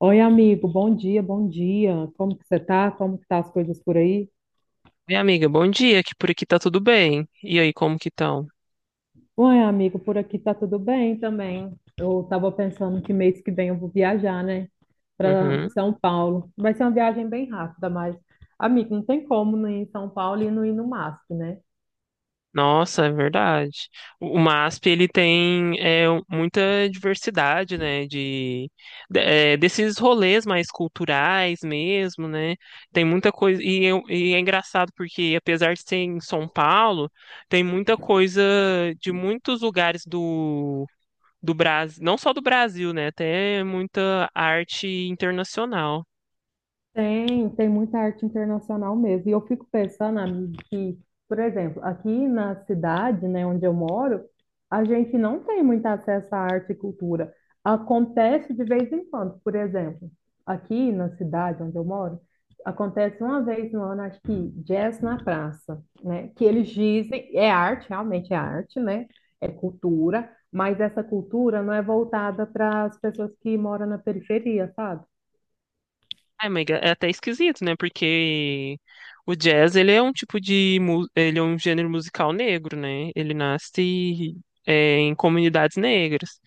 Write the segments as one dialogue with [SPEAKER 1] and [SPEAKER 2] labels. [SPEAKER 1] Oi, amigo, bom dia, bom dia. Como que você tá? Como que tá as coisas por aí?
[SPEAKER 2] Minha amiga, bom dia, que por aqui tá tudo bem. E aí, como que estão?
[SPEAKER 1] Oi, amigo, por aqui tá tudo bem também. Eu tava pensando que mês que vem eu vou viajar, né, para
[SPEAKER 2] Uhum.
[SPEAKER 1] São Paulo. Vai ser uma viagem bem rápida, mas amigo, não tem como não ir em São Paulo e não ir no MASP, né?
[SPEAKER 2] Nossa, é verdade. O MASP, ele tem muita diversidade, né, de, desses rolês mais culturais mesmo, né, tem muita coisa, e é engraçado porque, apesar de ser em São Paulo, tem muita coisa de muitos lugares do, do Brasil, não só do Brasil, né, até muita arte internacional.
[SPEAKER 1] Tem muita arte internacional mesmo. E eu fico pensando, amigo, que, por exemplo, aqui na cidade, né, onde eu moro, a gente não tem muito acesso à arte e cultura. Acontece de vez em quando, por exemplo, aqui na cidade onde eu moro, acontece uma vez no ano, acho que Jazz na Praça, né? Que eles dizem, é arte, realmente é arte, né? É cultura, mas essa cultura não é voltada para as pessoas que moram na periferia, sabe?
[SPEAKER 2] É, mas é até esquisito, né? Porque o jazz, ele é um tipo de, ele é um gênero musical negro, né? Ele nasce em comunidades negras.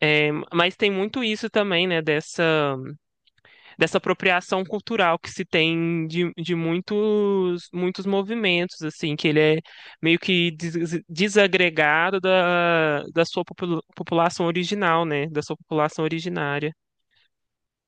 [SPEAKER 2] É, mas tem muito isso também, né? Dessa, dessa apropriação cultural que se tem de muitos, muitos movimentos, assim, que ele é meio que desagregado da, da sua população original, né? Da sua população originária.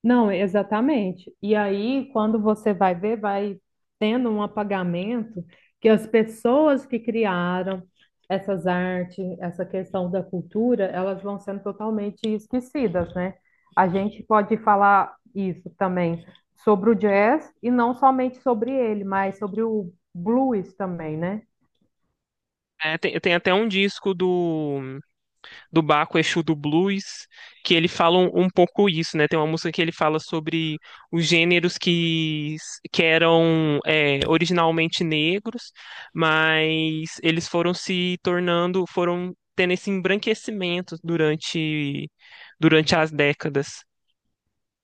[SPEAKER 1] Não, exatamente. E aí, quando você vai ver, vai tendo um apagamento que as pessoas que criaram essas artes, essa questão da cultura, elas vão sendo totalmente esquecidas, né? A gente pode falar isso também sobre o jazz e não somente sobre ele, mas sobre o blues também, né?
[SPEAKER 2] É, tem até um disco do do Baco Exu do Blues, que ele fala um pouco isso, né? Tem uma música que ele fala sobre os gêneros que eram originalmente negros, mas eles foram se tornando, foram tendo esse embranquecimento durante, durante as décadas.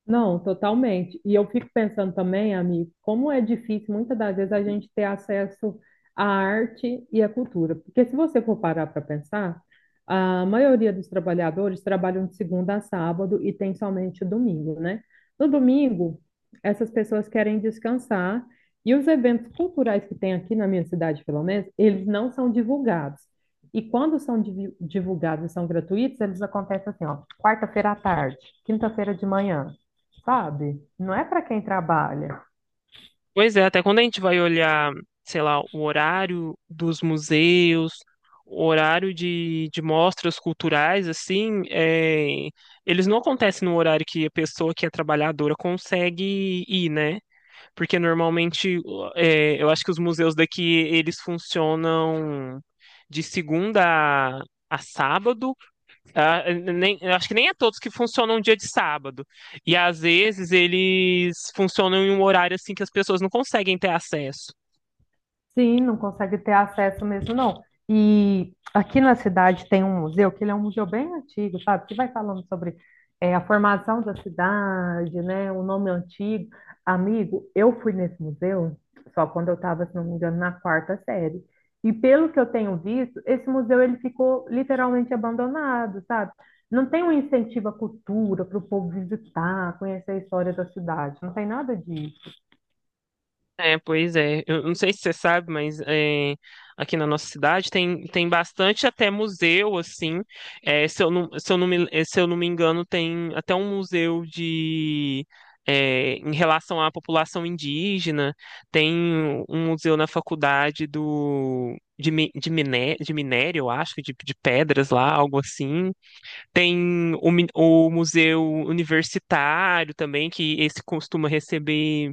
[SPEAKER 1] Não, totalmente. E eu fico pensando também, amigo, como é difícil muitas das vezes a gente ter acesso à arte e à cultura. Porque se você for parar para pensar, a maioria dos trabalhadores trabalham de segunda a sábado e tem somente o domingo, né? No domingo, essas pessoas querem descansar e os eventos culturais que tem aqui na minha cidade, pelo menos, eles não são divulgados. E quando são divulgados e são gratuitos, eles acontecem assim, ó, quarta-feira à tarde, quinta-feira de manhã sabe? Não é para quem trabalha.
[SPEAKER 2] Pois é, até quando a gente vai olhar, sei lá, o horário dos museus, o horário de mostras culturais, assim, eles não acontecem no horário que a pessoa que é trabalhadora consegue ir, né? Porque normalmente, eu acho que os museus daqui, eles funcionam de segunda a, a sábado. Ah, nem, eu acho que nem é todos que funcionam um dia de sábado. E às vezes eles funcionam em um horário assim que as pessoas não conseguem ter acesso.
[SPEAKER 1] Sim, não consegue ter acesso mesmo, não. E aqui na cidade tem um museu, que ele é um museu bem antigo, sabe? Que vai falando sobre é, a formação da cidade, né? O nome antigo. Amigo, eu fui nesse museu só quando eu estava, se não me engano, na quarta série. E pelo que eu tenho visto, esse museu ele ficou literalmente abandonado, sabe? Não tem um incentivo à cultura para o povo visitar, conhecer a história da cidade, não tem nada disso.
[SPEAKER 2] É, pois é. Eu não sei se você sabe, mas aqui na nossa cidade tem, tem bastante até museu, assim. É, se eu não me engano, tem até um museu de em relação à população indígena. Tem um museu na faculdade do de, de, de minério, eu acho, de pedras lá, algo assim. Tem o, o museu universitário também, que esse costuma receber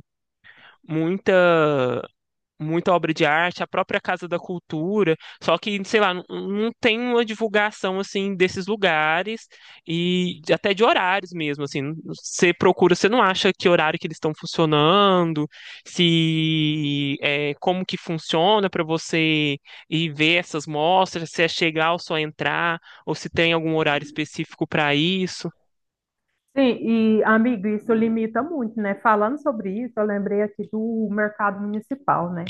[SPEAKER 2] muita muita obra de arte, a própria Casa da Cultura, só que, sei lá, não, não tem uma divulgação assim desses lugares e até de horários mesmo, assim, você procura, você não acha que horário que eles estão funcionando, se é, como que funciona para você ir ver essas mostras, se é chegar ou só entrar, ou se tem algum horário específico para isso.
[SPEAKER 1] Sim, e amigo, isso limita muito, né? Falando sobre isso, eu lembrei aqui do mercado municipal, né?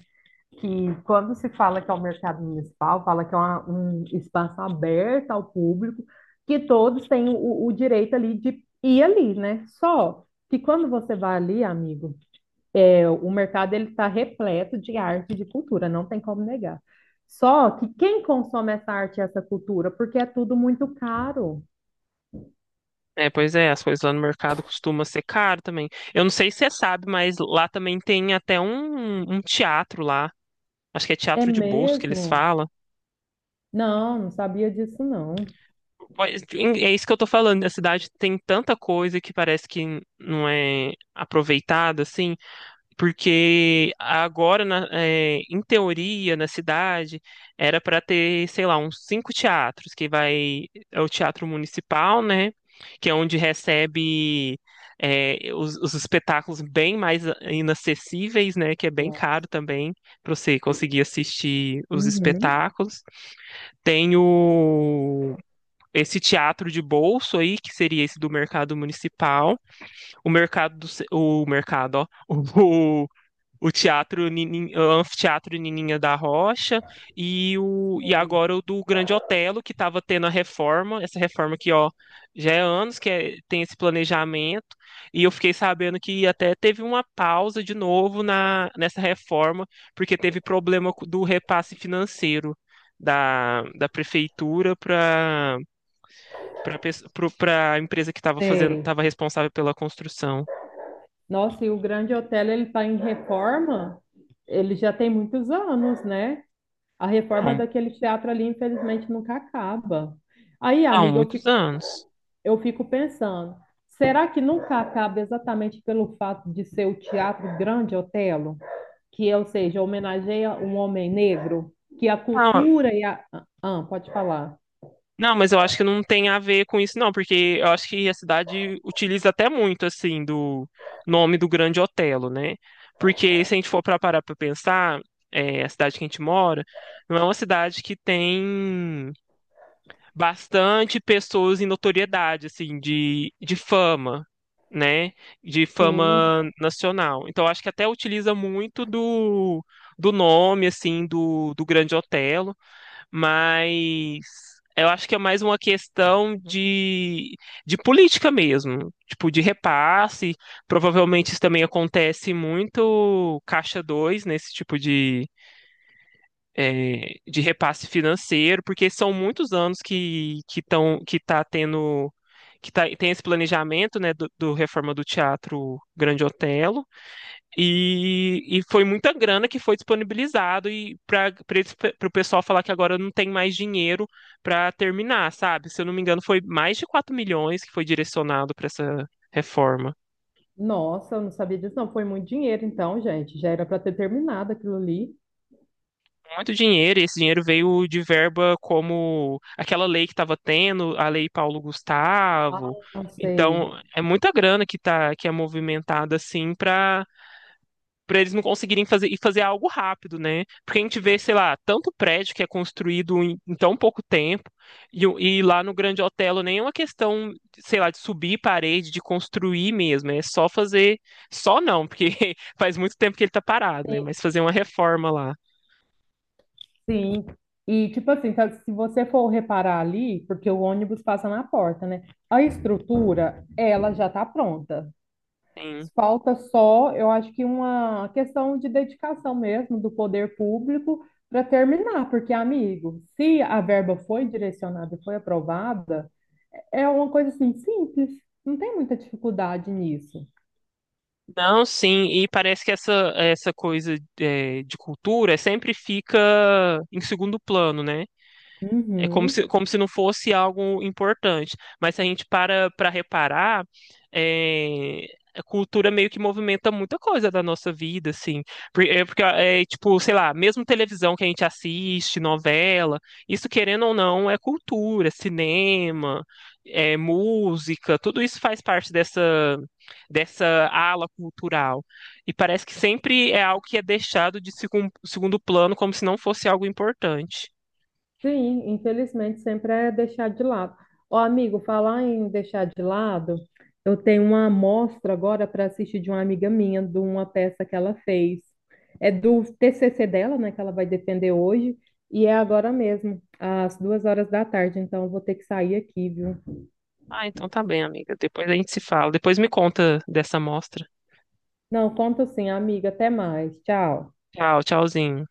[SPEAKER 1] Que quando se fala que é o mercado municipal, fala que é um espaço aberto ao público, que todos têm o direito ali de ir ali, né? Só que quando você vai ali, amigo, é, o mercado ele está repleto de arte e de cultura, não tem como negar. Só que quem consome essa arte e essa cultura? Porque é tudo muito caro.
[SPEAKER 2] É, pois é, as coisas lá no mercado costumam ser caro também. Eu não sei se você sabe, mas lá também tem até um teatro lá. Acho que é
[SPEAKER 1] É
[SPEAKER 2] teatro de bolso que eles
[SPEAKER 1] mesmo?
[SPEAKER 2] falam.
[SPEAKER 1] Não, não sabia disso, não.
[SPEAKER 2] Pois, é isso que eu tô falando. A cidade tem tanta coisa que parece que não é aproveitada, assim. Porque agora, em teoria, na cidade, era para ter, sei lá, uns cinco teatros, que vai, é o Teatro Municipal, né? Que é onde recebe, os espetáculos bem mais inacessíveis, né? Que é bem caro
[SPEAKER 1] Nossa.
[SPEAKER 2] também para você conseguir assistir os
[SPEAKER 1] Uhum.
[SPEAKER 2] espetáculos. Tem o, esse teatro de bolso aí, que seria esse do Mercado Municipal. O mercado do, o mercado, ó, o o teatro, o anfiteatro Nininha da Rocha e o, e
[SPEAKER 1] Tem.
[SPEAKER 2] agora o do Grande Otelo, que estava tendo a reforma, essa reforma que ó, já é anos que tem esse planejamento, e eu fiquei sabendo que até teve uma pausa de novo na, nessa reforma porque teve problema do repasse financeiro. Da, da prefeitura para para a empresa que estava fazendo,
[SPEAKER 1] Sei.
[SPEAKER 2] estava responsável pela construção.
[SPEAKER 1] Nossa, e o Grande Hotel, ele está em reforma, ele já tem muitos anos, né? A reforma é
[SPEAKER 2] Não,
[SPEAKER 1] daquele teatro ali, infelizmente, nunca acaba. Aí,
[SPEAKER 2] não,
[SPEAKER 1] amiga, eu
[SPEAKER 2] muitos
[SPEAKER 1] fico,
[SPEAKER 2] anos.
[SPEAKER 1] eu fico pensando, será que nunca acaba exatamente pelo fato de ser o Teatro Grande Otelo, que, ou seja, homenageia um homem negro, que a
[SPEAKER 2] Não,
[SPEAKER 1] cultura e a... Ah, pode falar.
[SPEAKER 2] não, mas eu acho que não tem a ver com isso, não, porque eu acho que a cidade utiliza até muito, assim, do nome do Grande Otelo, né? Porque se a gente for para parar para pensar, a cidade que a gente mora não é uma cidade que tem bastante pessoas em notoriedade, assim, de fama, né? De
[SPEAKER 1] Sim.
[SPEAKER 2] fama nacional. Então, eu acho que até utiliza muito do, do nome, assim, do, do Grande Otelo. Mas eu acho que é mais uma questão de política mesmo, tipo de repasse. Provavelmente isso também acontece muito caixa 2 nesse tipo de, de repasse financeiro, porque são muitos anos que que tá tendo, que tá, tem esse planejamento, né, do, do reforma do Teatro Grande Otelo. E foi muita grana que foi disponibilizado, e para o pessoal falar que agora não tem mais dinheiro para terminar, sabe? Se eu não me engano, foi mais de 4 milhões que foi direcionado para essa reforma.
[SPEAKER 1] Nossa, eu não sabia disso, não. Foi muito dinheiro, então, gente. Já era para ter terminado aquilo ali.
[SPEAKER 2] Muito dinheiro, e esse dinheiro veio de verba como aquela lei que estava tendo, a Lei Paulo Gustavo.
[SPEAKER 1] Ah, sei.
[SPEAKER 2] Então, é muita grana que tá, que é movimentada assim para para eles não conseguirem fazer e fazer algo rápido, né? Porque a gente vê, sei lá, tanto prédio que é construído em, em tão pouco tempo, e, e lá no Grande Otelo nem é uma questão, sei lá, de subir parede, de construir mesmo, é só fazer, só não, porque faz muito tempo que ele tá parado, né? Mas fazer uma reforma lá.
[SPEAKER 1] Sim. E, tipo assim, se você for reparar ali, porque o ônibus passa na porta, né? A estrutura, ela já tá pronta.
[SPEAKER 2] Sim.
[SPEAKER 1] Falta só, eu acho que uma questão de dedicação mesmo do poder público para terminar, porque, amigo, se a verba foi direcionada e foi aprovada, é uma coisa assim simples. Não tem muita dificuldade nisso.
[SPEAKER 2] Não, sim, e parece que essa coisa de cultura sempre fica em segundo plano, né? É
[SPEAKER 1] Uhum.
[SPEAKER 2] como se não fosse algo importante. Mas se a gente para para reparar, é, a cultura meio que movimenta muita coisa da nossa vida, assim. É porque, tipo, sei lá, mesmo televisão que a gente assiste, novela, isso querendo ou não é cultura, cinema, é música, tudo isso faz parte dessa, dessa ala cultural. E parece que sempre é algo que é deixado de segundo plano, como se não fosse algo importante.
[SPEAKER 1] Sim, infelizmente sempre é deixar de lado. Ó, amigo, falar em deixar de lado, eu tenho uma amostra agora para assistir de uma amiga minha, de uma peça que ela fez. É do TCC dela, né, que ela vai defender hoje, e é agora mesmo, às 2 horas da tarde, então eu vou ter que sair aqui, viu?
[SPEAKER 2] Ah, então tá bem, amiga. Depois a gente se fala. Depois me conta dessa amostra.
[SPEAKER 1] Não, conta sim, amiga, até mais. Tchau.
[SPEAKER 2] Tchau, tchauzinho.